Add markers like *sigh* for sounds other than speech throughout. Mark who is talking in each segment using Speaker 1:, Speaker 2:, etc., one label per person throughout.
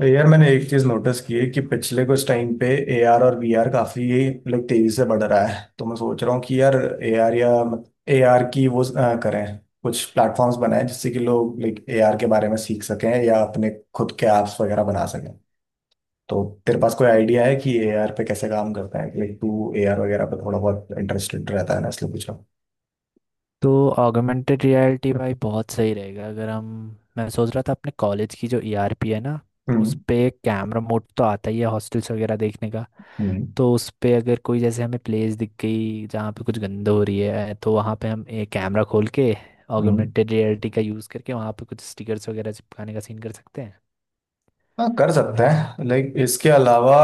Speaker 1: तो यार मैंने एक चीज नोटिस की है कि पिछले कुछ टाइम पे एआर और वीआर काफी लाइक तेजी से बढ़ रहा है। तो मैं सोच रहा हूँ कि यार एआर या एआर की वो करें, कुछ प्लेटफॉर्म्स बनाएं जिससे कि लोग लाइक एआर के बारे में सीख सकें या अपने खुद के ऐप्स वगैरह बना सकें। तो तेरे पास कोई आइडिया है कि एआर पे कैसे काम करता है? लाइक तू एआर वगैरह पे थोड़ा बहुत इंटरेस्टेड रहता है ना, इसलिए पूछ रहा हूँ।
Speaker 2: तो ऑगमेंटेड रियलिटी, भाई, बहुत सही रहेगा अगर हम मैं सोच रहा था। अपने कॉलेज की जो ईआरपी है ना, उस
Speaker 1: हम्म।
Speaker 2: पे कैमरा मोड तो आता ही है, हॉस्टल्स वगैरह देखने का।
Speaker 1: हम्म।
Speaker 2: तो उस पे अगर कोई, जैसे हमें प्लेस दिख गई जहाँ पे कुछ गंद हो रही है, तो वहाँ पे हम एक कैमरा खोल के
Speaker 1: हम्म।
Speaker 2: ऑगमेंटेड रियलिटी का यूज़ करके वहाँ पे कुछ स्टिकर्स वगैरह चिपकाने का सीन कर सकते हैं।
Speaker 1: हाँ कर सकते हैं, लाइक इसके अलावा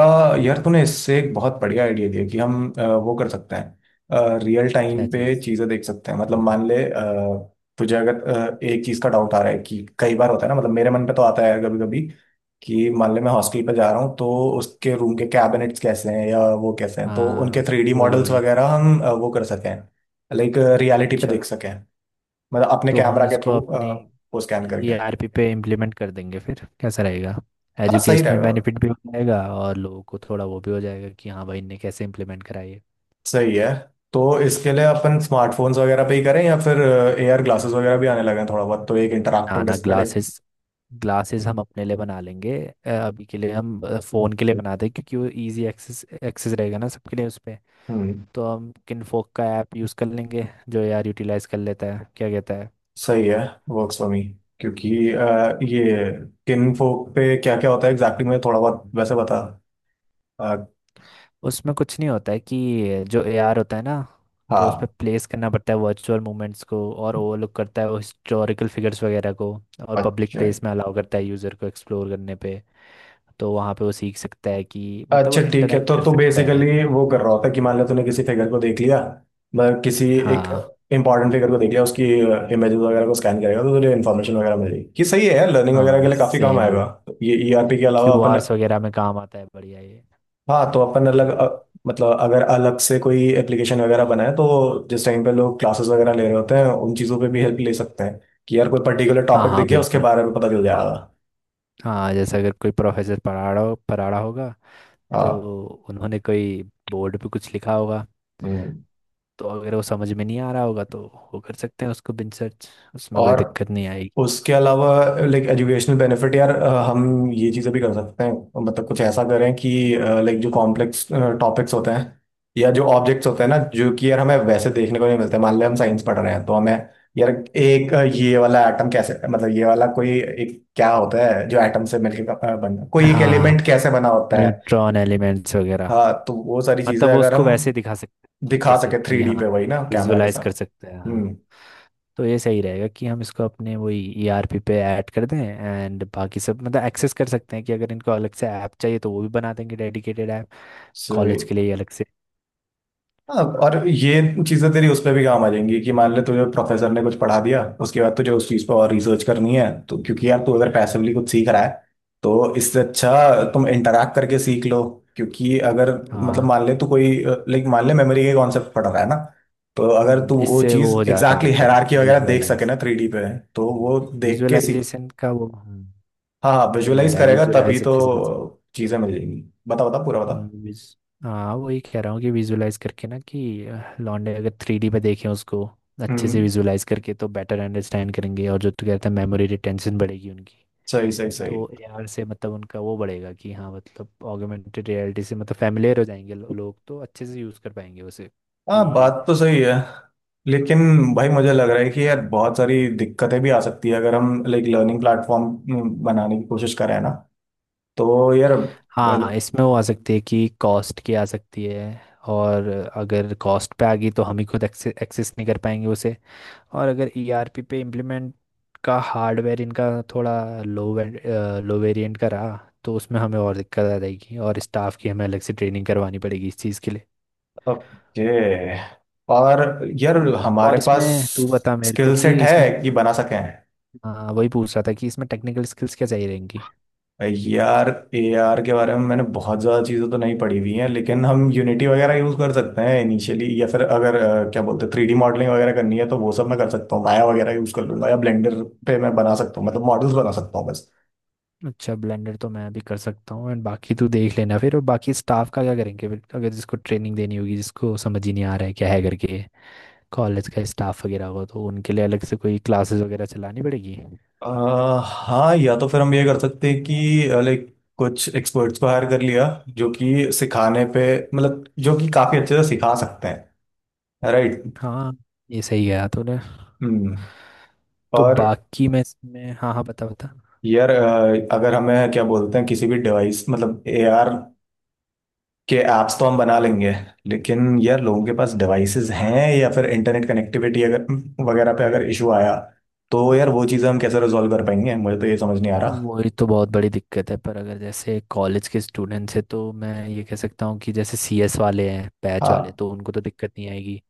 Speaker 1: यार तूने इससे एक बहुत बढ़िया आइडिया दिया कि हम वो कर सकते हैं, रियल टाइम
Speaker 2: क्या
Speaker 1: पे
Speaker 2: चीज़?
Speaker 1: चीज़ें देख सकते हैं। मतलब मान ले तुझे अगर एक चीज़ का डाउट आ रहा है, कि कई बार होता है ना, मतलब मेरे मन पे तो आता है कभी कभी कि मान ले मैं हॉस्टल पे जा रहा हूँ, तो उसके रूम के कैबिनेट्स कैसे हैं या वो कैसे हैं, तो उनके
Speaker 2: हाँ,
Speaker 1: 3D
Speaker 2: वही
Speaker 1: मॉडल्स
Speaker 2: वही।
Speaker 1: वगैरह हम वो कर सकें, लाइक रियलिटी पे
Speaker 2: अच्छा।
Speaker 1: देख सकें, मतलब अपने
Speaker 2: तो हम
Speaker 1: कैमरा के
Speaker 2: इसको
Speaker 1: थ्रू
Speaker 2: अपनी
Speaker 1: वो स्कैन करके।
Speaker 2: ईआरपी पे इम्प्लीमेंट कर देंगे फिर, कैसा रहेगा?
Speaker 1: हाँ सही
Speaker 2: एजुकेशनल
Speaker 1: रहेगा।
Speaker 2: बेनिफिट भी हो जाएगा और लोगों को थोड़ा वो भी हो जाएगा कि हाँ भाई, इनने कैसे इम्प्लीमेंट कराई है।
Speaker 1: सही है। तो इसके लिए अपन स्मार्टफोन्स वगैरह पे ही करें या फिर एआर ग्लासेस वगैरह भी आने लगे हैं थोड़ा बहुत, तो एक
Speaker 2: ना
Speaker 1: इंटरैक्टिव
Speaker 2: ना,
Speaker 1: डिस्प्ले।
Speaker 2: ग्लासेस ग्लासेस हम अपने लिए बना लेंगे। अभी के लिए हम फ़ोन के लिए बनाते हैं क्योंकि वो इजी एक्सेस एक्सेस रहेगा ना सबके लिए उस पे।
Speaker 1: हम्म।
Speaker 2: तो हम किनफोक का ऐप यूज़ कर लेंगे जो यार यूटिलाइज कर लेता है, क्या कहता है?
Speaker 1: सही है। वर्क्स फॉर मी, क्योंकि ये किन फोक पे क्या क्या होता है एग्जैक्टली exactly मैं थोड़ा बहुत वैसे बता अ,
Speaker 2: उसमें कुछ नहीं होता है कि जो एआर होता है ना, तो उस पर
Speaker 1: हाँ।
Speaker 2: प्लेस करना पड़ता है वर्चुअल मूवमेंट्स को। और ओवरलुक करता है वो हिस्टोरिकल फिगर्स वगैरह को। और पब्लिक
Speaker 1: अच्छा।
Speaker 2: प्लेस में अलाउ करता है यूज़र को एक्सप्लोर करने पे। तो वहाँ पे वो सीख सकता है कि मतलब वो
Speaker 1: अच्छा ठीक है,
Speaker 2: इंटरेक्ट
Speaker 1: तो
Speaker 2: कर
Speaker 1: तू
Speaker 2: सकता है।
Speaker 1: बेसिकली वो कर रहा होता है कि मान लिया तूने किसी फिगर को देख लिया, मतलब किसी एक
Speaker 2: हाँ
Speaker 1: इंपॉर्टेंट फिगर को देख लिया, उसकी इमेजेस वगैरह को स्कैन करेगा तो तुझे इन्फॉर्मेशन वगैरह मिलेगी। कि सही है यार, लर्निंग वगैरह
Speaker 2: हाँ,
Speaker 1: के लिए काफी काम
Speaker 2: सेम वो
Speaker 1: आएगा। तो ये ईआरपी के अलावा अपन
Speaker 2: क्यूआरस वगैरह में काम आता है, बढ़िया ये।
Speaker 1: हाँ, तो अपन अलग मतलब अगर अलग से कोई एप्लीकेशन वगैरह बनाए तो जिस टाइम पे लोग क्लासेस वगैरह ले रहे होते हैं उन चीज़ों पे भी हेल्प ले सकते हैं कि यार कोई पर्टिकुलर
Speaker 2: हाँ
Speaker 1: टॉपिक
Speaker 2: हाँ,
Speaker 1: दिख गया उसके
Speaker 2: बिल्कुल।
Speaker 1: बारे में पता चल जाएगा।
Speaker 2: हाँ, जैसे अगर कोई प्रोफेसर पढ़ा रहा होगा, तो
Speaker 1: हाँ।
Speaker 2: उन्होंने कोई बोर्ड पे कुछ लिखा होगा।
Speaker 1: हम्म।
Speaker 2: तो अगर वो समझ में नहीं आ रहा होगा, तो वो कर सकते हैं उसको बिन सर्च। उसमें कोई
Speaker 1: और
Speaker 2: दिक्कत नहीं आएगी।
Speaker 1: उसके अलावा लाइक एजुकेशनल बेनिफिट, यार हम ये चीज़ें भी कर सकते हैं, मतलब कुछ ऐसा करें कि लाइक जो कॉम्प्लेक्स टॉपिक्स होते हैं या जो ऑब्जेक्ट्स होते हैं ना, जो कि यार हमें वैसे देखने को नहीं मिलते, मान लें हम साइंस पढ़ रहे हैं तो हमें यार एक ये वाला एटम कैसे, मतलब ये वाला कोई एक क्या होता है जो एटम से मिलके बना, कोई एक
Speaker 2: हाँ,
Speaker 1: एलिमेंट कैसे बना होता है।
Speaker 2: न्यूट्रॉन एलिमेंट्स वगैरह।
Speaker 1: हाँ, तो वो सारी
Speaker 2: मतलब
Speaker 1: चीज़ें
Speaker 2: वो
Speaker 1: अगर
Speaker 2: उसको
Speaker 1: हम
Speaker 2: वैसे दिखा सकते हैं।
Speaker 1: दिखा
Speaker 2: जैसे
Speaker 1: सके
Speaker 2: कि
Speaker 1: 3D
Speaker 2: हाँ,
Speaker 1: पे, वही ना कैमरा के
Speaker 2: विजुअलाइज कर
Speaker 1: साथ।
Speaker 2: सकते हैं, हाँ।
Speaker 1: हम्म।
Speaker 2: तो ये सही रहेगा कि हम इसको अपने वही ईआरपी पे ऐड कर दें, एंड बाकी सब मतलब एक्सेस कर सकते हैं। कि अगर इनको अलग से ऐप चाहिए तो वो भी बना देंगे डेडिकेटेड ऐप, कॉलेज
Speaker 1: So,
Speaker 2: के लिए ही अलग से।
Speaker 1: हाँ। और ये चीजें तेरी उस पर भी काम आ जाएंगी कि मान ले तुझे प्रोफेसर ने कुछ पढ़ा दिया, उसके बाद तुझे उस चीज पर और रिसर्च करनी है, तो क्योंकि यार तू अगर पैसिवली कुछ सीख रहा है तो इससे अच्छा तुम इंटरैक्ट करके सीख लो। क्योंकि अगर मतलब
Speaker 2: हाँ।
Speaker 1: मान ले तू कोई लाइक मान ले मेमोरी के कॉन्सेप्ट पढ़ रहा है ना, तो अगर तू वो
Speaker 2: इससे
Speaker 1: चीज
Speaker 2: वो हो जाता है
Speaker 1: एग्जैक्टली
Speaker 2: मतलब
Speaker 1: हायरार्की वगैरह देख सके
Speaker 2: विजुअलाइज,
Speaker 1: ना 3D पे, तो वो देख के सीख।
Speaker 2: विजुअलाइजेशन का वो, हाँ।
Speaker 1: हाँ हाँ
Speaker 2: सही कह
Speaker 1: विजुअलाइज
Speaker 2: रहा है,
Speaker 1: करेगा तभी
Speaker 2: विजुअलाइज
Speaker 1: तो
Speaker 2: अच्छे से कर सकते
Speaker 1: चीजें मिल जाएंगी। बता बता पूरा बता।
Speaker 2: हैं। हाँ, वही कह रहा हूँ कि विजुअलाइज करके, ना कि लॉन्डे अगर 3D पे देखें उसको अच्छे से
Speaker 1: हम्म।
Speaker 2: विजुअलाइज करके तो बेटर अंडरस्टैंड करेंगे, और जो तू कहता है मेमोरी रिटेंशन बढ़ेगी उनकी।
Speaker 1: सही सही सही।
Speaker 2: तो एआर से मतलब उनका वो बढ़ेगा कि हाँ, मतलब ऑगमेंटेड रियलिटी से मतलब फैमिलियर हो जाएंगे, लोग तो अच्छे से यूज़ कर पाएंगे उसे।
Speaker 1: हाँ
Speaker 2: कि
Speaker 1: बात तो सही है, लेकिन भाई मुझे लग रहा है कि यार बहुत सारी दिक्कतें भी आ सकती है अगर हम लाइक लर्निंग प्लेटफॉर्म बनाने की कोशिश करें ना, तो यार
Speaker 2: हाँ,
Speaker 1: मतलब
Speaker 2: इसमें वो आ सकती है कि कॉस्ट की आ सकती है। और अगर कॉस्ट पे आ गई तो हम ही खुद एक्सेस नहीं कर पाएंगे उसे। और अगर ईआरपी पे इम्प्लीमेंट का हार्डवेयर इनका थोड़ा लो लो वेरिएंट का रहा, तो उसमें हमें और दिक्कत आ जाएगी, और स्टाफ की हमें अलग से ट्रेनिंग करवानी पड़ेगी इस चीज़ के लिए।
Speaker 1: ओके। और यार हमारे
Speaker 2: और
Speaker 1: पास
Speaker 2: इसमें तू बता मेरे को
Speaker 1: स्किल सेट
Speaker 2: कि
Speaker 1: है
Speaker 2: इसमें।
Speaker 1: कि बना सकें?
Speaker 2: हाँ, वही पूछ रहा था कि इसमें टेक्निकल स्किल्स क्या चाहिए रहेंगी।
Speaker 1: यार एआर के बारे में मैंने बहुत ज़्यादा चीज़ें तो नहीं पढ़ी हुई हैं, लेकिन हम यूनिटी वगैरह यूज़ कर सकते हैं इनिशियली, या फिर अगर क्या बोलते हैं थ्री डी मॉडलिंग वगैरह करनी है तो वो सब मैं कर सकता हूँ, माया वगैरह यूज़ कर लूंगा या ब्लेंडर पे मैं बना सकता हूँ, मतलब मॉडल्स बना सकता हूँ बस।
Speaker 2: अच्छा, ब्लेंडर तो मैं भी कर सकता हूँ, एंड बाकी तू देख लेना फिर। और बाकी स्टाफ का क्या करेंगे फिर, अगर जिसको ट्रेनिंग देनी होगी, जिसको समझ ही नहीं आ रहा है क्या है करके। कॉलेज का स्टाफ वगैरह हो तो उनके लिए अलग से कोई क्लासेस वगैरह चलानी पड़ेगी।
Speaker 1: अ, हाँ या तो फिर हम ये कर सकते हैं कि लाइक कुछ एक्सपर्ट्स को हायर कर लिया जो कि सिखाने पे मतलब जो कि काफ़ी अच्छे से सिखा सकते हैं। राइट।
Speaker 2: हाँ, ये सही गया तूने।
Speaker 1: हम्म।
Speaker 2: तो
Speaker 1: और
Speaker 2: बाकी मैं इसमें, हाँ हाँ, बता बता।
Speaker 1: यार अगर हमें क्या बोलते हैं किसी भी डिवाइस मतलब एआर कि ऐप्स तो हम बना लेंगे, लेकिन यार लोगों के पास डिवाइसेस हैं या फिर इंटरनेट कनेक्टिविटी अगर वगैरह पे अगर इशू आया तो यार वो चीज़ें हम कैसे रिजॉल्व कर पाएंगे, मुझे तो ये समझ नहीं आ रहा।
Speaker 2: वही तो बहुत बड़ी दिक्कत है, पर अगर जैसे कॉलेज के स्टूडेंट्स हैं तो मैं ये कह सकता हूँ कि जैसे सीएस वाले हैं, बैच वाले,
Speaker 1: हाँ,
Speaker 2: तो उनको तो दिक्कत नहीं आएगी।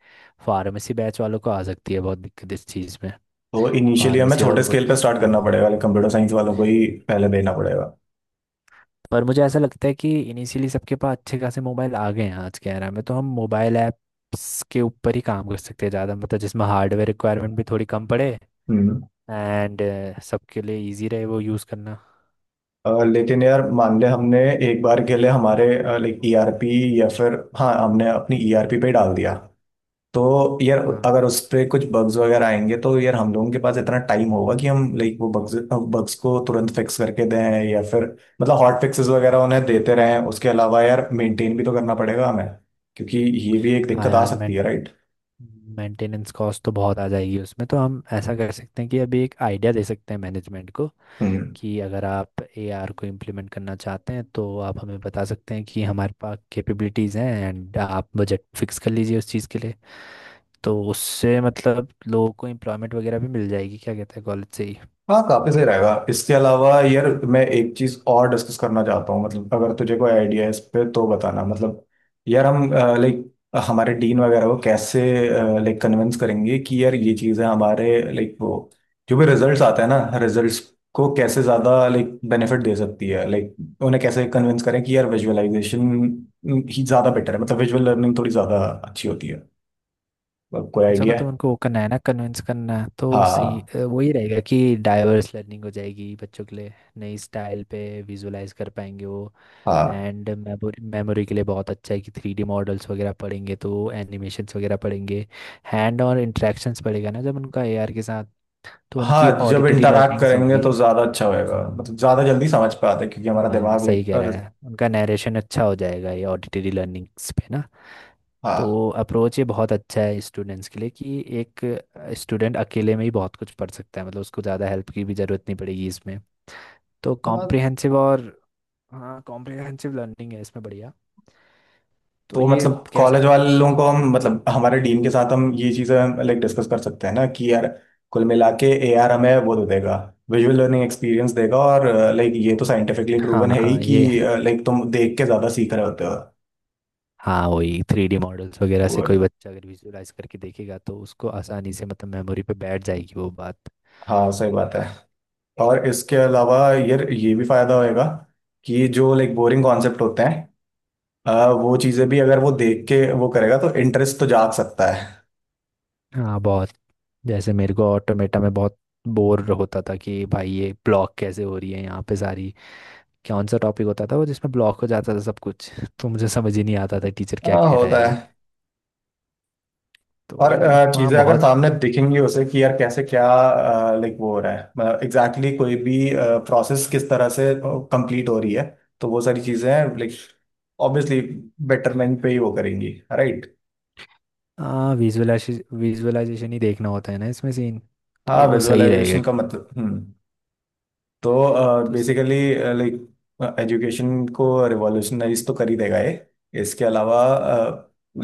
Speaker 2: फार्मेसी बैच वालों को आ सकती है बहुत दिक्कत इस चीज़ में।
Speaker 1: तो इनिशियली हमें
Speaker 2: फार्मेसी और
Speaker 1: छोटे
Speaker 2: वो
Speaker 1: स्केल
Speaker 2: तो,
Speaker 1: पे स्टार्ट करना
Speaker 2: हाँ।
Speaker 1: पड़ेगा, कंप्यूटर साइंस वालों को ही पहले देना
Speaker 2: हम्म।
Speaker 1: पड़ेगा।
Speaker 2: पर मुझे ऐसा लगता है कि इनिशियली सबके पास अच्छे खासे मोबाइल आ गए हैं आज के era में, तो हम मोबाइल ऐप्स के ऊपर ही काम कर सकते हैं ज़्यादा, मतलब जिसमें हार्डवेयर रिक्वायरमेंट भी थोड़ी कम पड़े,
Speaker 1: हम्म।
Speaker 2: एंड सबके लिए इजी रहे वो यूज़ करना।
Speaker 1: लेकिन यार मान ले हमने एक बार के लिए हमारे लाइक ईआरपी या फिर, हाँ हमने अपनी ईआरपी पे ही डाल दिया, तो यार
Speaker 2: हाँ
Speaker 1: अगर उस पे कुछ बग्स वगैरह आएंगे तो यार हम लोगों के पास इतना टाइम होगा कि हम लाइक वो बग्स बग्स को तुरंत फिक्स करके दें, या फिर मतलब हॉट फिक्सेस वगैरह उन्हें देते रहें? उसके अलावा यार मेंटेन भी तो करना पड़ेगा हमें, क्योंकि ये भी एक
Speaker 2: हाँ,
Speaker 1: दिक्कत आ
Speaker 2: यार
Speaker 1: सकती
Speaker 2: मैं,
Speaker 1: है, राइट।
Speaker 2: मेंटेनेंस कॉस्ट तो बहुत आ जाएगी उसमें। तो हम ऐसा कर सकते हैं कि अभी एक आइडिया दे सकते हैं मैनेजमेंट को,
Speaker 1: हम्म।
Speaker 2: कि अगर आप एआर को इम्प्लीमेंट करना चाहते हैं तो आप हमें बता सकते हैं कि हमारे पास कैपेबिलिटीज़ हैं, एंड आप बजट फिक्स कर लीजिए उस चीज़ के लिए। तो उससे मतलब लोगों को एम्प्लॉयमेंट वगैरह भी मिल जाएगी, क्या कहते हैं, कॉलेज से ही।
Speaker 1: हाँ काफी सही रहेगा। इसके अलावा यार मैं एक चीज और डिस्कस करना चाहता हूँ, मतलब अगर तुझे कोई आइडिया है इस पे तो बताना। मतलब यार हम लाइक हमारे डीन वगैरह को कैसे लाइक कन्विंस करेंगे कि यार ये चीजें हमारे लाइक वो जो भी रिजल्ट्स आते हैं ना, रिजल्ट्स को कैसे ज्यादा लाइक बेनिफिट दे सकती है, लाइक उन्हें कैसे कन्विंस करें कि यार विजुअलाइजेशन ही ज्यादा बेटर है, मतलब विजुअल लर्निंग थोड़ी ज्यादा अच्छी होती है। मतलब कोई
Speaker 2: अच्छा,
Speaker 1: आइडिया है?
Speaker 2: मतलब उनको वो करना है ना, कन्विंस करना, तो सी,
Speaker 1: हाँ।
Speaker 2: वही रहेगा कि डाइवर्स लर्निंग हो जाएगी बच्चों के लिए, नई स्टाइल पे विजुलाइज कर पाएंगे वो।
Speaker 1: हाँ।
Speaker 2: एंड मेमोरी, मेमोरी के लिए बहुत अच्छा है कि 3D मॉडल्स वगैरह पढ़ेंगे तो एनिमेशंस वगैरह पढ़ेंगे। हैंड और इंट्रैक्शंस पड़ेगा ना जब उनका AR के साथ, तो उनकी
Speaker 1: हाँ जब
Speaker 2: ऑडिटरी
Speaker 1: इंटरैक्ट
Speaker 2: लर्निंग्स
Speaker 1: करेंगे
Speaker 2: होगी।
Speaker 1: तो ज्यादा अच्छा होएगा,
Speaker 2: हाँ
Speaker 1: मतलब ज्यादा जल्दी समझ पाते हैं, क्योंकि हमारा
Speaker 2: हाँ,
Speaker 1: दिमाग
Speaker 2: सही कह रहा
Speaker 1: लेकर।
Speaker 2: है, उनका नरेशन अच्छा हो जाएगा ये ऑडिटरी लर्निंग्स पे ना।
Speaker 1: हाँ।
Speaker 2: तो अप्रोच ये बहुत अच्छा है स्टूडेंट्स के लिए, कि एक स्टूडेंट अकेले में ही बहुत कुछ पढ़ सकता है, मतलब उसको ज़्यादा हेल्प की भी ज़रूरत नहीं पड़ेगी इसमें। तो
Speaker 1: हाँ
Speaker 2: कॉम्प्रिहेंसिव और, हाँ, कॉम्प्रिहेंसिव लर्निंग है इसमें, बढ़िया। तो
Speaker 1: तो
Speaker 2: ये
Speaker 1: मतलब
Speaker 2: कह
Speaker 1: कॉलेज
Speaker 2: सकते,
Speaker 1: वालों को हम मतलब हमारे डीन के साथ हम ये चीजें लाइक डिस्कस कर सकते हैं ना कि यार कुल मिला के ए आर हमें वो दे देगा, विजुअल लर्निंग एक्सपीरियंस देगा, और लाइक ये तो साइंटिफिकली
Speaker 2: हाँ
Speaker 1: प्रूवन है ही
Speaker 2: हाँ,
Speaker 1: कि
Speaker 2: ये।
Speaker 1: लाइक तुम देख के ज्यादा सीख रहे होते हो।
Speaker 2: हाँ, वही 3D मॉडल्स वगैरह से
Speaker 1: वो
Speaker 2: कोई बच्चा अगर विजुअलाइज करके देखेगा, तो उसको आसानी से मतलब मेमोरी पे बैठ जाएगी वो बात।
Speaker 1: हाँ सही बात है। और इसके अलावा यार ये भी फायदा होएगा कि जो लाइक बोरिंग कॉन्सेप्ट होते हैं वो चीजें भी अगर वो देख के वो करेगा तो इंटरेस्ट तो जाग सकता है।
Speaker 2: हाँ बहुत, जैसे मेरे को ऑटोमेटा में बहुत बोर होता था कि भाई ये ब्लॉक कैसे हो रही है यहाँ पे सारी, कौन सा टॉपिक होता था वो जिसमें ब्लॉक हो जाता था सब कुछ *laughs* तो मुझे समझ ही नहीं आता था टीचर क्या
Speaker 1: हाँ
Speaker 2: कह रहा
Speaker 1: होता
Speaker 2: है ये।
Speaker 1: है।
Speaker 2: तो
Speaker 1: और
Speaker 2: वहाँ
Speaker 1: चीजें अगर
Speaker 2: बहुत,
Speaker 1: सामने दिखेंगी उसे कि यार कैसे क्या लाइक वो हो रहा है, मतलब एग्जैक्टली exactly कोई भी प्रोसेस किस तरह से कंप्लीट हो रही है, तो वो सारी चीजें लाइक ऑब्वियसली बेटरमेंट पे ही वो करेंगी, राइट।
Speaker 2: विजुअलाइजेशन, विजुअलाइजेशन ही देखना होता है ना इसमें सीन।
Speaker 1: हाँ
Speaker 2: तो सही रहेगा
Speaker 1: विजुअलाइजेशन का
Speaker 2: कि,
Speaker 1: मतलब हम्म। तो
Speaker 2: तो
Speaker 1: बेसिकली
Speaker 2: सही है।
Speaker 1: लाइक एजुकेशन को रिवॉल्यूशनाइज तो कर ही देगा ये। इसके अलावा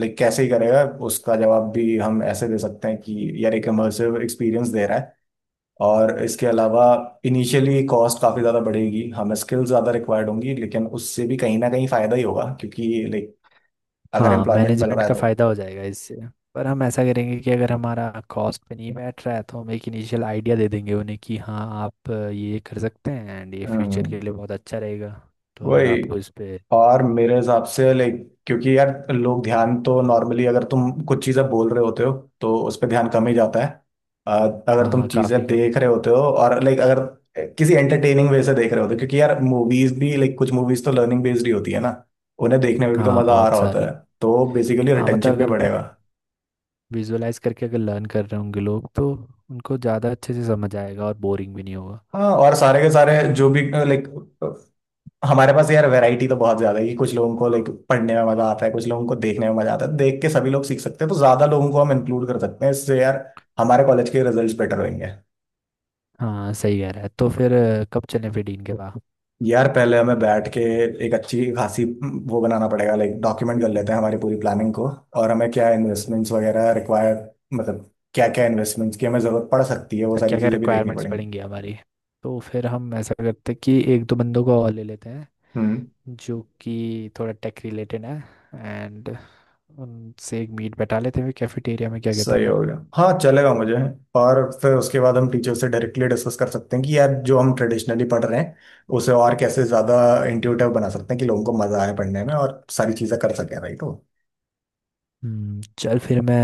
Speaker 1: लाइक कैसे ही करेगा उसका जवाब भी हम ऐसे दे सकते हैं कि यार एक इमर्सिव एक्सपीरियंस दे रहा है, और इसके अलावा इनिशियली कॉस्ट काफ़ी ज़्यादा बढ़ेगी, हमें स्किल्स ज़्यादा रिक्वायर्ड होंगी, लेकिन उससे भी कहीं ना कहीं फ़ायदा ही होगा क्योंकि लाइक अगर
Speaker 2: हाँ,
Speaker 1: एम्प्लॉयमेंट मिल
Speaker 2: मैनेजमेंट
Speaker 1: रहा है
Speaker 2: का
Speaker 1: तो।
Speaker 2: फ़ायदा हो जाएगा इससे। पर हम ऐसा करेंगे कि अगर हमारा कॉस्ट पे नहीं बैठ रहा है तो हम एक इनिशियल आइडिया दे देंगे उन्हें कि हाँ आप ये कर सकते हैं, एंड ये फ्यूचर
Speaker 1: हम्म।
Speaker 2: के लिए बहुत अच्छा रहेगा। तो अगर
Speaker 1: वही
Speaker 2: आपको इस पे,
Speaker 1: और मेरे हिसाब से लाइक, क्योंकि यार लोग ध्यान तो नॉर्मली अगर तुम कुछ चीज़ें बोल रहे होते हो तो उस पर ध्यान कम ही जाता है। अ, अगर तुम
Speaker 2: हाँ
Speaker 1: चीज़ें
Speaker 2: काफ़ी का,
Speaker 1: देख रहे होते हो और लाइक अगर किसी एंटरटेनिंग वे से देख रहे होते हो, क्योंकि यार मूवीज भी लाइक कुछ मूवीज तो लर्निंग बेस्ड ही होती है ना, उन्हें देखने में भी तो
Speaker 2: हाँ
Speaker 1: मज़ा आ
Speaker 2: बहुत
Speaker 1: रहा होता
Speaker 2: सारी।
Speaker 1: है। तो बेसिकली
Speaker 2: हाँ
Speaker 1: रिटेंशन
Speaker 2: मतलब,
Speaker 1: भी
Speaker 2: अगर
Speaker 1: बढ़ेगा।
Speaker 2: विजुअलाइज करके अगर लर्न कर रहे होंगे लोग, तो उनको ज़्यादा अच्छे से समझ आएगा और बोरिंग भी नहीं होगा।
Speaker 1: हाँ और सारे के सारे जो भी लाइक हमारे पास यार वैरायटी तो बहुत ज्यादा है, कि कुछ लोगों को लाइक पढ़ने में मजा आता है, कुछ लोगों को देखने में मजा आता है, देख के सभी लोग सीख सकते हैं, तो ज्यादा लोगों को हम इंक्लूड कर सकते हैं इससे यार, हमारे कॉलेज के रिजल्ट्स बेटर होंगे।
Speaker 2: हाँ, सही कह रहा है। तो फिर कब चलें फिर डीन के पास?
Speaker 1: यार पहले हमें बैठ के एक अच्छी खासी वो बनाना पड़ेगा, लाइक डॉक्यूमेंट कर लेते हैं हमारी पूरी प्लानिंग को, और हमें क्या इन्वेस्टमेंट्स
Speaker 2: हम्म।
Speaker 1: वगैरह रिक्वायर, मतलब क्या क्या इन्वेस्टमेंट्स की हमें जरूरत पड़ सकती है वो
Speaker 2: तो
Speaker 1: सारी
Speaker 2: क्या क्या
Speaker 1: चीजें भी देखनी
Speaker 2: रिक्वायरमेंट्स
Speaker 1: पड़ेंगी।
Speaker 2: पड़ेंगी हमारी। तो फिर हम ऐसा करते हैं कि एक दो बंदों को और ले लेते हैं
Speaker 1: हम्म।
Speaker 2: जो कि थोड़ा टेक रिलेटेड है, एंड उनसे एक मीट बैठा लेते हैं कैफेटेरिया में, क्या
Speaker 1: सही
Speaker 2: कहता है?
Speaker 1: होगा हाँ, चलेगा मुझे। और फिर उसके बाद हम टीचर से डायरेक्टली डिस्कस कर सकते हैं कि यार जो हम ट्रेडिशनली पढ़ रहे हैं उसे और कैसे ज़्यादा इंट्यूटिव बना सकते हैं कि लोगों को मज़ा आए पढ़ने में और सारी चीज़ें कर सकें, राइट हो।
Speaker 2: हम्म, चल फिर मैं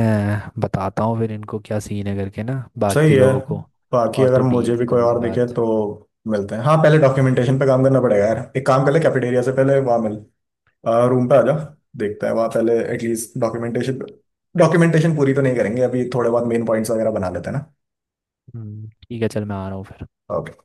Speaker 2: बताता हूँ फिर इनको क्या सीन है करके ना,
Speaker 1: सही
Speaker 2: बाकी
Speaker 1: है।
Speaker 2: लोगों को।
Speaker 1: बाकी
Speaker 2: और
Speaker 1: अगर
Speaker 2: तू डीन
Speaker 1: मुझे भी
Speaker 2: से कर
Speaker 1: कोई
Speaker 2: ले
Speaker 1: और दिखे
Speaker 2: बात।
Speaker 1: तो मिलते हैं हाँ, पहले डॉक्यूमेंटेशन पे काम करना पड़ेगा यार, एक काम कर ले कैफेटेरिया से पहले वहाँ मिल, रूम पे आ जा, देखते हैं वहाँ पहले एटलीस्ट डॉक्यूमेंटेशन, डॉक्यूमेंटेशन पूरी तो नहीं करेंगे अभी, थोड़े बहुत मेन पॉइंट्स वगैरह बना लेते हैं ना।
Speaker 2: ठीक है, चल मैं आ रहा हूँ फिर।
Speaker 1: ओके।